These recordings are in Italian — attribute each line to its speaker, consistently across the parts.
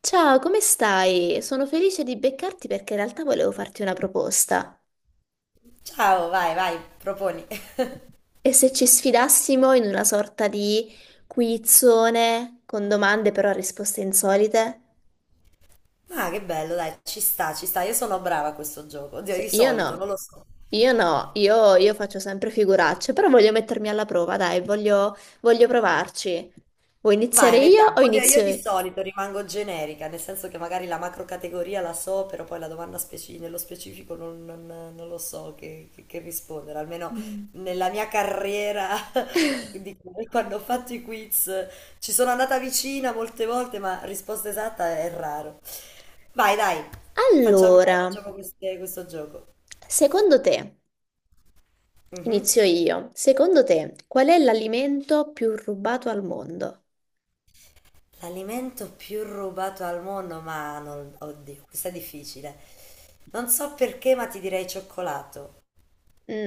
Speaker 1: Ciao, come stai? Sono felice di beccarti perché in realtà volevo farti una proposta.
Speaker 2: Ciao, vai, vai, proponi.
Speaker 1: E se ci sfidassimo in una sorta di quizzone con domande però a risposte insolite?
Speaker 2: Ma che bello, dai, ci sta, ci sta. Io sono brava a questo gioco. Oddio, di
Speaker 1: Io
Speaker 2: solito, non
Speaker 1: no,
Speaker 2: lo so.
Speaker 1: io no, io faccio sempre figuracce, però voglio mettermi alla prova, dai, voglio provarci. Vuoi iniziare
Speaker 2: Vai,
Speaker 1: io
Speaker 2: vediamo.
Speaker 1: o
Speaker 2: Oddio, io di
Speaker 1: inizio...
Speaker 2: solito rimango generica, nel senso che magari la macro categoria la so, però poi la domanda nello specifico non lo so che rispondere. Almeno
Speaker 1: Mm.
Speaker 2: nella mia carriera, di quando ho fatto i quiz, ci sono andata vicina molte volte, ma risposta esatta è raro. Vai, dai,
Speaker 1: Allora,
Speaker 2: facciamo questo gioco.
Speaker 1: secondo te,
Speaker 2: Mhm.
Speaker 1: inizio io, secondo te qual è l'alimento più rubato al mondo?
Speaker 2: L'alimento più rubato al mondo, ma non, oddio, questa è difficile. Non so perché, ma ti direi cioccolato.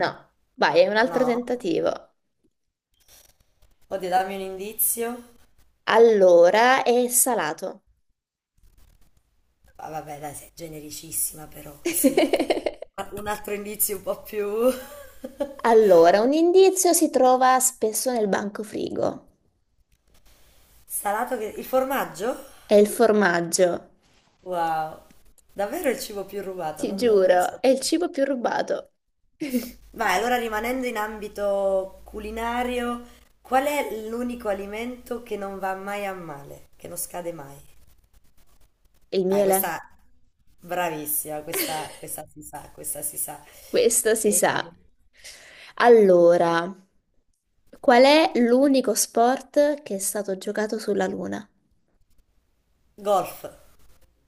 Speaker 1: No, vai, è un altro
Speaker 2: No?
Speaker 1: tentativo.
Speaker 2: Oddio, dammi un indizio.
Speaker 1: Allora, è salato.
Speaker 2: Ah, vabbè, dai, sei genericissima però, così. Ma un altro indizio un po' più...
Speaker 1: Allora, un indizio si trova spesso nel bancofrigo.
Speaker 2: Salato che... Il formaggio?
Speaker 1: È il formaggio,
Speaker 2: Wow. Davvero il cibo più rubato,
Speaker 1: ti
Speaker 2: non lo
Speaker 1: giuro, è il
Speaker 2: sapevo.
Speaker 1: cibo più rubato.
Speaker 2: Vai, allora rimanendo in ambito culinario, qual è l'unico alimento che non va mai a male, che non scade mai?
Speaker 1: Il
Speaker 2: Dai,
Speaker 1: miele?
Speaker 2: questa bravissima, questa si sa, questa si sa.
Speaker 1: Questo si
Speaker 2: E-
Speaker 1: sa. Allora, qual è l'unico sport che è stato giocato sulla Luna?
Speaker 2: Golf,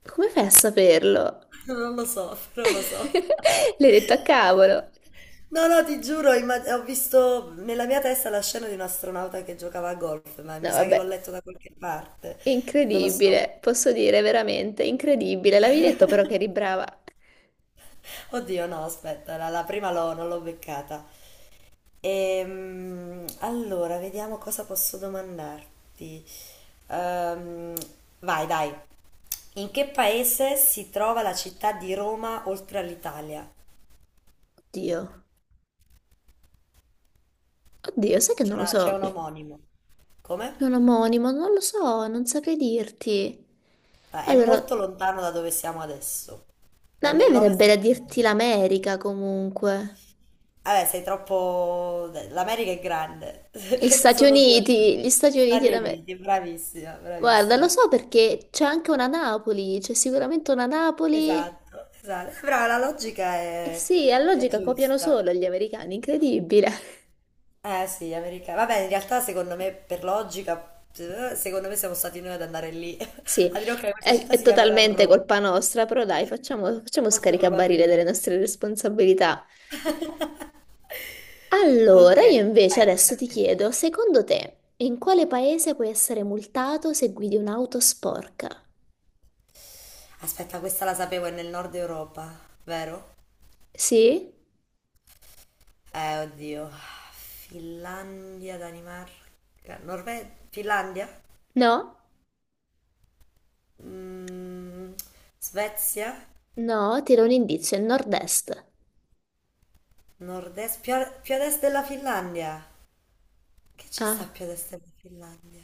Speaker 1: Come fai a saperlo?
Speaker 2: non lo so.
Speaker 1: L'hai detto a cavolo.
Speaker 2: No, no, ti giuro, imma- ho visto nella mia testa la scena di un astronauta che giocava a golf, ma
Speaker 1: No,
Speaker 2: mi sa che l'ho
Speaker 1: vabbè.
Speaker 2: letto da qualche parte, non lo so.
Speaker 1: Incredibile, posso dire veramente incredibile. L'avevi detto però che eri brava.
Speaker 2: Oddio, no, aspetta, la prima non l'ho beccata. Allora, vediamo cosa posso domandarti. Ehm, vai, dai. In che paese si trova la città di Roma oltre all'Italia?
Speaker 1: Oddio, oddio, sai che non lo
Speaker 2: C'è
Speaker 1: so.
Speaker 2: un omonimo. Come?
Speaker 1: È un omonimo, non lo so, non saprei dirti.
Speaker 2: Ah, è
Speaker 1: Allora, a
Speaker 2: molto lontano da dove siamo adesso. È
Speaker 1: me
Speaker 2: nell'ovest
Speaker 1: verrebbe da
Speaker 2: del mondo.
Speaker 1: dirti l'America comunque.
Speaker 2: Vabbè, sei troppo... L'America è grande. Sono due le
Speaker 1: Gli Stati Uniti
Speaker 2: Stati
Speaker 1: d'America.
Speaker 2: Uniti, bravissima,
Speaker 1: Guarda, lo
Speaker 2: bravissima.
Speaker 1: so perché c'è anche una Napoli, c'è sicuramente una Napoli.
Speaker 2: Esatto, esatto. Però la logica
Speaker 1: Eh sì, a
Speaker 2: è
Speaker 1: logica copiano
Speaker 2: giusta.
Speaker 1: solo gli americani, incredibile.
Speaker 2: Eh sì, americani. Vabbè, in realtà secondo me per logica, secondo me siamo stati noi ad andare lì
Speaker 1: Sì,
Speaker 2: a dire ok, questa città
Speaker 1: è
Speaker 2: si chiamerà
Speaker 1: totalmente
Speaker 2: Roma.
Speaker 1: colpa nostra, però dai, facciamo
Speaker 2: Molto
Speaker 1: scaricabarile delle
Speaker 2: probabilmente.
Speaker 1: nostre responsabilità. Allora,
Speaker 2: Ok,
Speaker 1: io invece
Speaker 2: vai, tocca
Speaker 1: adesso
Speaker 2: a
Speaker 1: ti
Speaker 2: te.
Speaker 1: chiedo, secondo te, in quale paese puoi essere multato se guidi un'auto sporca?
Speaker 2: Aspetta, questa la sapevo, è nel nord Europa, vero?
Speaker 1: Sì?
Speaker 2: Oddio. Finlandia, Danimarca, Norvegia, Finlandia?
Speaker 1: No?
Speaker 2: Mm, Svezia,
Speaker 1: No, ti do un indizio, è nord-est.
Speaker 2: nord-est, più ad est della Finlandia. Che ci sta
Speaker 1: Ah,
Speaker 2: più ad est della Finlandia?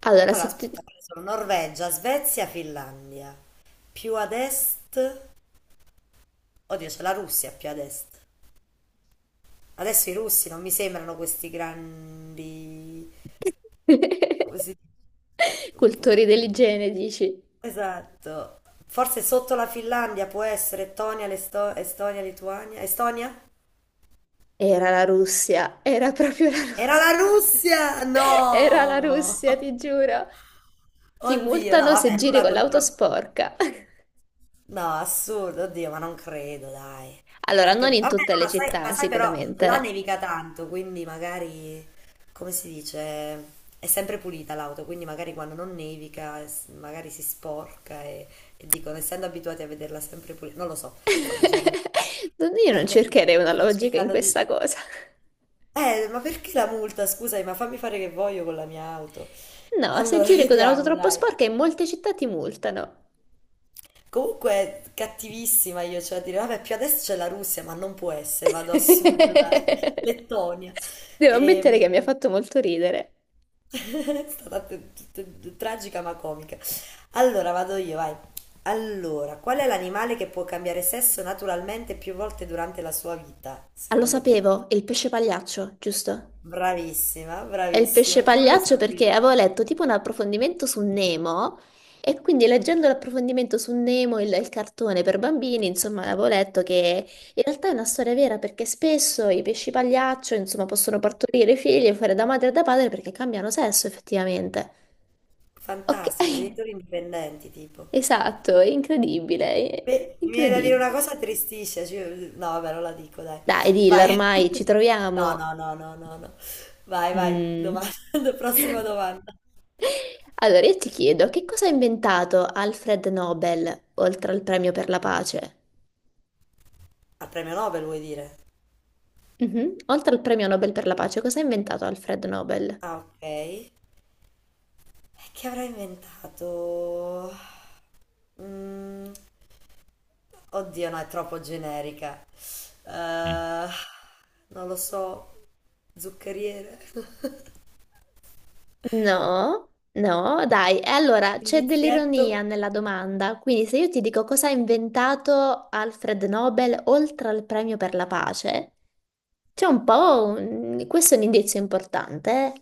Speaker 1: allora
Speaker 2: Allora,
Speaker 1: se ti...
Speaker 2: aspetta, ho preso Norvegia, Svezia, Finlandia. Più ad est... Oddio, c'è la Russia più ad est. Adesso i russi non mi sembrano questi grandi... Come si dice?
Speaker 1: Cultori dell'igiene, dici?
Speaker 2: Esatto. Forse sotto la Finlandia può essere Estonia, Estonia, Lituania. Estonia?
Speaker 1: Era la Russia, era proprio la
Speaker 2: Era la
Speaker 1: Russia.
Speaker 2: Russia!
Speaker 1: Era la
Speaker 2: No!
Speaker 1: Russia, ti giuro. Ti
Speaker 2: Oddio, no,
Speaker 1: multano se
Speaker 2: vabbè,
Speaker 1: giri
Speaker 2: nulla
Speaker 1: con l'auto
Speaker 2: contro...
Speaker 1: sporca.
Speaker 2: No, assurdo, oddio, ma non credo, dai.
Speaker 1: Allora,
Speaker 2: Anche...
Speaker 1: non
Speaker 2: Vabbè,
Speaker 1: in tutte le
Speaker 2: no, ma
Speaker 1: città,
Speaker 2: sai però, là
Speaker 1: sicuramente.
Speaker 2: nevica tanto, quindi magari, come si dice, è sempre pulita l'auto, quindi magari quando non nevica, s- magari si sporca e dicono, essendo abituati a vederla sempre pulita, non lo so, sto dicendo...
Speaker 1: Io
Speaker 2: Beh,
Speaker 1: non
Speaker 2: me-
Speaker 1: cercherei una
Speaker 2: sto
Speaker 1: logica in
Speaker 2: cercando di...
Speaker 1: questa cosa.
Speaker 2: Ma perché la multa? Scusami, ma fammi fare che voglio con la mia auto.
Speaker 1: No, se
Speaker 2: Allora,
Speaker 1: giri con un'auto
Speaker 2: vediamo,
Speaker 1: troppo
Speaker 2: dai.
Speaker 1: sporca in molte città ti multano.
Speaker 2: Comunque, cattivissima io, cioè a dire, vabbè, più adesso c'è la Russia, ma non può essere, vado a sud, dai, Lettonia.
Speaker 1: Devo ammettere
Speaker 2: Ehm,
Speaker 1: che mi ha fatto molto ridere.
Speaker 2: è stata tragica ma comica. Allora, vado io, vai. Allora, qual è l'animale che può cambiare sesso naturalmente più volte durante la sua vita,
Speaker 1: Ah, lo
Speaker 2: secondo te?
Speaker 1: sapevo, il pesce pagliaccio, giusto?
Speaker 2: Bravissima,
Speaker 1: È il pesce
Speaker 2: bravissima, come lo
Speaker 1: pagliaccio perché
Speaker 2: sapevi?
Speaker 1: avevo letto tipo un approfondimento su Nemo e quindi leggendo l'approfondimento su Nemo, il cartone per bambini, insomma, avevo letto che in realtà è una storia vera perché spesso i pesci pagliaccio, insomma, possono partorire figli e fare da madre e da padre perché cambiano sesso effettivamente. Ok,
Speaker 2: Fantastici, genitori indipendenti, tipo.
Speaker 1: esatto, è incredibile, è
Speaker 2: Beh, mi viene da dire
Speaker 1: incredibile.
Speaker 2: una cosa tristisce, cioè- no, vabbè, non la dico, dai.
Speaker 1: Dai, dilla,
Speaker 2: Vai.
Speaker 1: ormai ci
Speaker 2: No,
Speaker 1: troviamo.
Speaker 2: no, no, no, no, no. Vai, vai,
Speaker 1: Mm.
Speaker 2: domanda, prossima domanda.
Speaker 1: Allora, io ti chiedo, che cosa ha inventato Alfred Nobel oltre al premio per la pace?
Speaker 2: Al premio Nobel vuoi dire?
Speaker 1: Mhm. Oltre al premio Nobel per la pace, cosa ha inventato Alfred Nobel?
Speaker 2: Ah, ok. E che avrà inventato? Mm, oddio, no, è troppo generica. Eh, non lo so, zuccheriere.
Speaker 1: No, no, dai. E allora c'è dell'ironia
Speaker 2: Indizietto.
Speaker 1: nella domanda. Quindi, se io ti dico cosa ha inventato Alfred Nobel oltre al premio per la pace, c'è un po' un... questo è un indizio importante,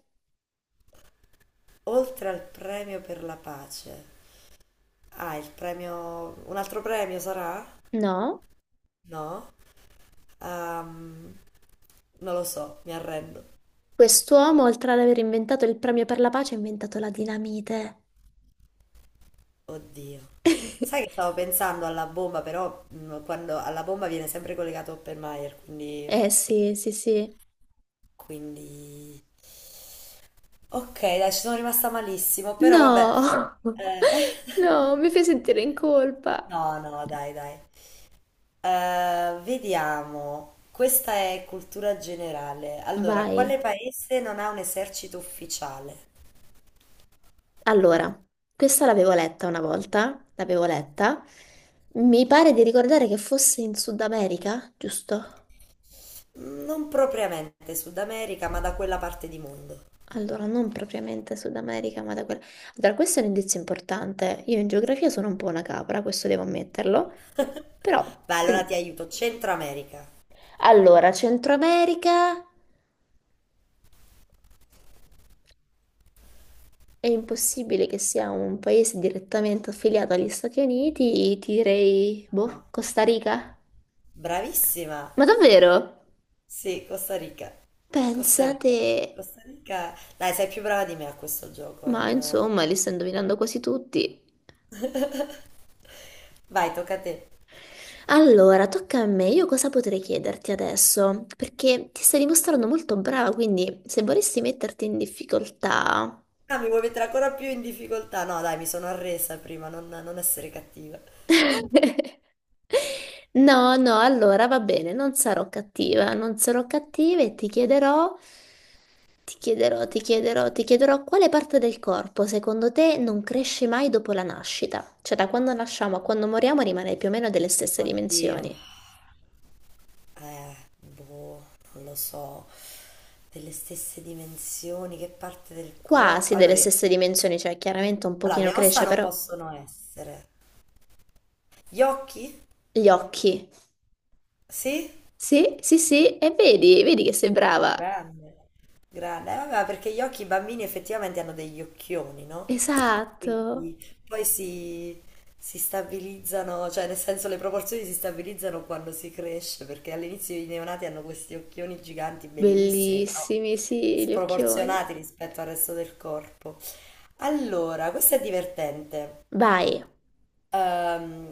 Speaker 2: Oltre al premio per la pace. Ah, il premio... Un altro premio sarà?
Speaker 1: eh? No?
Speaker 2: No? Ehm, non lo so, mi arrendo.
Speaker 1: Quest'uomo, oltre ad aver inventato il premio per la pace, ha inventato la dinamite.
Speaker 2: Oddio. Sai che stavo pensando alla bomba, però quando alla bomba viene sempre collegato Oppenheimer, quindi...
Speaker 1: Eh sì, sì, sì.
Speaker 2: quindi... Ok, dai, ci sono rimasta malissimo, però vabbè.
Speaker 1: No,
Speaker 2: Eh,
Speaker 1: no, mi fai sentire in colpa.
Speaker 2: no, no, dai, dai. Vediamo, questa è cultura generale. Allora,
Speaker 1: Vai.
Speaker 2: quale paese non ha un esercito ufficiale?
Speaker 1: Allora, questa l'avevo letta una volta, l'avevo letta. Mi pare di ricordare che fosse in Sud America, giusto?
Speaker 2: Mm, non propriamente Sud America, ma da quella parte di mondo.
Speaker 1: Allora, non propriamente Sud America, ma da quella... Allora, questo è un indizio importante. Io in geografia sono un po' una capra, questo devo ammetterlo. Però...
Speaker 2: Beh, allora ti aiuto. Centro America.
Speaker 1: Allora, Centro America... È impossibile che sia un paese direttamente affiliato agli Stati Uniti, ti direi, boh,
Speaker 2: No.
Speaker 1: Costa Rica?
Speaker 2: Bravissima.
Speaker 1: Ma davvero?
Speaker 2: Sì, Costa Rica. Costa
Speaker 1: Pensate...
Speaker 2: Rica. Costa Rica. Dai, sei più brava di me a questo gioco.
Speaker 1: Ma
Speaker 2: Non-
Speaker 1: insomma, li sto indovinando quasi tutti.
Speaker 2: Vai, tocca a te.
Speaker 1: Allora, tocca a me. Io cosa potrei chiederti adesso? Perché ti stai dimostrando molto brava, quindi se vorresti metterti in difficoltà...
Speaker 2: Ah, mi vuoi mettere ancora più in difficoltà? No, dai, mi sono arresa prima, non essere cattiva.
Speaker 1: No, no, allora va bene, non sarò cattiva, non sarò cattiva e ti chiederò... ti chiederò quale parte del corpo secondo te non cresce mai dopo la nascita? Cioè da quando nasciamo a quando moriamo rimane più o meno delle stesse
Speaker 2: Oddio,
Speaker 1: dimensioni.
Speaker 2: boh, non lo so, delle stesse dimensioni, che parte del
Speaker 1: Quasi
Speaker 2: corpo?
Speaker 1: delle
Speaker 2: Allora,
Speaker 1: stesse dimensioni, cioè chiaramente un
Speaker 2: allora,
Speaker 1: pochino
Speaker 2: le ossa
Speaker 1: cresce,
Speaker 2: non
Speaker 1: però
Speaker 2: possono essere. Gli occhi?
Speaker 1: gli occhi.
Speaker 2: Sì?
Speaker 1: Sì, sì, sì, e vedi, vedi che sei brava.
Speaker 2: Grande, grande. Vabbè, perché gli occhi i bambini effettivamente hanno degli occhioni, no?
Speaker 1: Esatto.
Speaker 2: Quindi poi si stabilizzano, cioè nel senso le proporzioni si stabilizzano quando si cresce, perché all'inizio i neonati hanno questi occhioni giganti, bellissimi, però
Speaker 1: Bellissimi, sì, gli occhioni.
Speaker 2: sproporzionati rispetto al resto del corpo. Allora, questo è divertente.
Speaker 1: Vai.
Speaker 2: Ehm,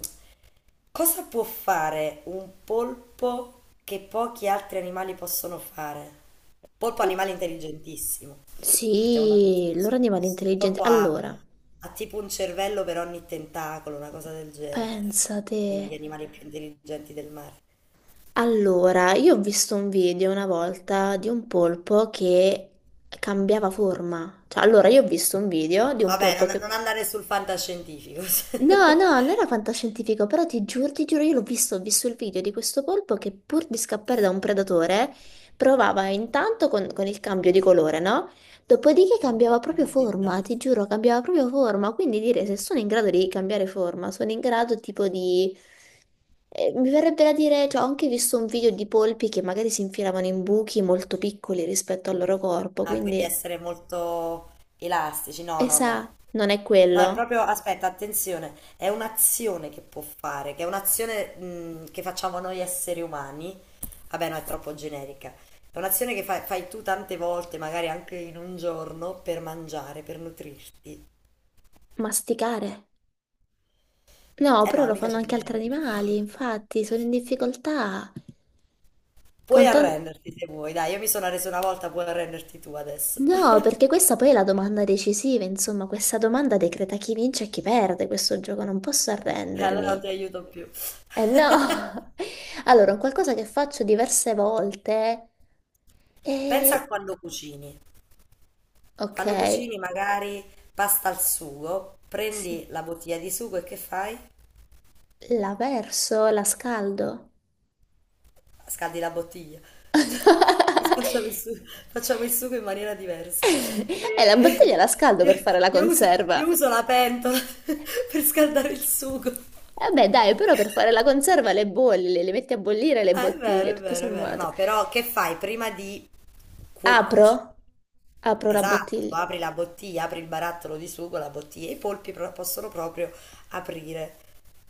Speaker 2: cosa può fare un polpo che pochi altri animali possono fare? Polpo è un
Speaker 1: Oh,
Speaker 2: animale intelligentissimo. Partiamo da questo
Speaker 1: sì, loro animali
Speaker 2: presupposto.
Speaker 1: intelligenti.
Speaker 2: Polpo
Speaker 1: Allora,
Speaker 2: ha tipo un cervello per ogni tentacolo, una cosa del genere. Uno
Speaker 1: pensate.
Speaker 2: degli animali più intelligenti del mare.
Speaker 1: Allora, io ho visto un video una volta di un polpo che cambiava forma. Cioè, allora, io ho visto un video
Speaker 2: Ah,
Speaker 1: di un
Speaker 2: vabbè,
Speaker 1: polpo che
Speaker 2: non andare sul fantascientifico.
Speaker 1: no, no, non era fantascientifico, però ti giuro, io l'ho visto, ho visto il video di questo polpo che pur di scappare da un predatore provava intanto con il cambio di colore, no? Dopodiché cambiava
Speaker 2: A
Speaker 1: proprio forma, ti
Speaker 2: mimetizzarsi.
Speaker 1: giuro, cambiava proprio forma, quindi dire se sono in grado di cambiare forma, sono in grado tipo di... mi verrebbe da dire, cioè ho anche visto un video di polpi che magari si infilavano in buchi molto piccoli rispetto al loro corpo,
Speaker 2: Ah, quindi
Speaker 1: quindi,
Speaker 2: essere molto elastici. No,
Speaker 1: e
Speaker 2: no, no.
Speaker 1: sa, non è
Speaker 2: No, è
Speaker 1: quello,
Speaker 2: proprio, aspetta, attenzione, è un'azione che può fare, che è un'azione che facciamo noi esseri umani. Vabbè, no, è troppo generica. È un'azione che fai, tu tante volte, magari anche in un giorno, per mangiare, per nutrirti.
Speaker 1: masticare. No,
Speaker 2: Eh
Speaker 1: però
Speaker 2: no,
Speaker 1: lo
Speaker 2: mica
Speaker 1: fanno
Speaker 2: c'è
Speaker 1: anche altri
Speaker 2: dentro.
Speaker 1: animali, infatti sono in difficoltà. Con
Speaker 2: Puoi
Speaker 1: tan-
Speaker 2: arrenderti se vuoi, dai, io mi sono arreso una volta, puoi arrenderti tu adesso.
Speaker 1: No, perché questa poi è la domanda decisiva, insomma, questa domanda decreta chi vince e chi perde questo gioco, non posso
Speaker 2: Allora non ti
Speaker 1: arrendermi.
Speaker 2: aiuto più.
Speaker 1: Eh no! Allora, un qualcosa che faccio diverse volte
Speaker 2: Pensa
Speaker 1: è...
Speaker 2: a quando cucini.
Speaker 1: Ok,
Speaker 2: Quando cucini magari pasta al sugo,
Speaker 1: sì,
Speaker 2: prendi la bottiglia di sugo e che fai?
Speaker 1: la verso, la scaldo.
Speaker 2: Scaldi la bottiglia. Facciamo il su- facciamo il sugo, in maniera diversa.
Speaker 1: E la bottiglia
Speaker 2: E-
Speaker 1: la scaldo per fare la conserva.
Speaker 2: Io uso la pentola per scaldare il sugo.
Speaker 1: Eh beh, dai, però per fare la conserva le bolli, le metti a bollire le
Speaker 2: Ah, è vero,
Speaker 1: bottiglie,
Speaker 2: è
Speaker 1: tutto
Speaker 2: vero, è vero.
Speaker 1: sommato.
Speaker 2: No, però che fai prima di
Speaker 1: Apro?
Speaker 2: cuci-
Speaker 1: Apro la
Speaker 2: Esatto,
Speaker 1: bottiglia.
Speaker 2: apri la bottiglia, apri il barattolo di sugo, la bottiglia. I polpi pro- possono proprio aprire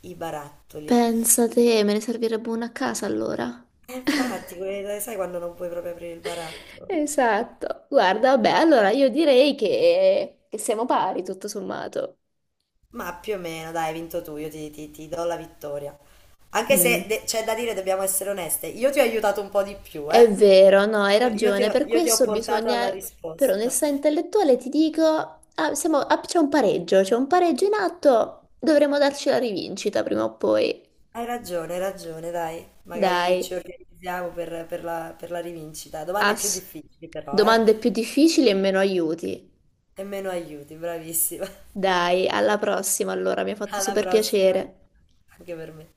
Speaker 2: i barattoli.
Speaker 1: Pensa te, me ne servirebbe una a casa allora.
Speaker 2: E infatti, que- sai quando non puoi proprio aprire il baratto?
Speaker 1: Esatto. Guarda, vabbè, allora io direi che siamo pari, tutto sommato.
Speaker 2: Ma più o meno, dai, hai vinto tu, io ti, ti do la vittoria. Anche se
Speaker 1: Mm.
Speaker 2: de- c'è da dire, dobbiamo essere oneste, io ti ho aiutato un po' di più,
Speaker 1: È
Speaker 2: eh?
Speaker 1: vero, no, hai ragione. Per
Speaker 2: Io ti ho
Speaker 1: questo
Speaker 2: portato alla
Speaker 1: bisogna, per
Speaker 2: risposta.
Speaker 1: onestà intellettuale, ti dico, ah, c'è un pareggio in atto, dovremo darci la rivincita prima o poi.
Speaker 2: Hai ragione, dai. Magari ci
Speaker 1: Dai,
Speaker 2: organizziamo per, per la rivincita. Domande più
Speaker 1: ass-
Speaker 2: difficili però, eh?
Speaker 1: domande più difficili e meno aiuti.
Speaker 2: E meno aiuti, bravissima.
Speaker 1: Dai, alla prossima allora, mi ha fatto
Speaker 2: Alla
Speaker 1: super
Speaker 2: prossima,
Speaker 1: piacere.
Speaker 2: anche per me.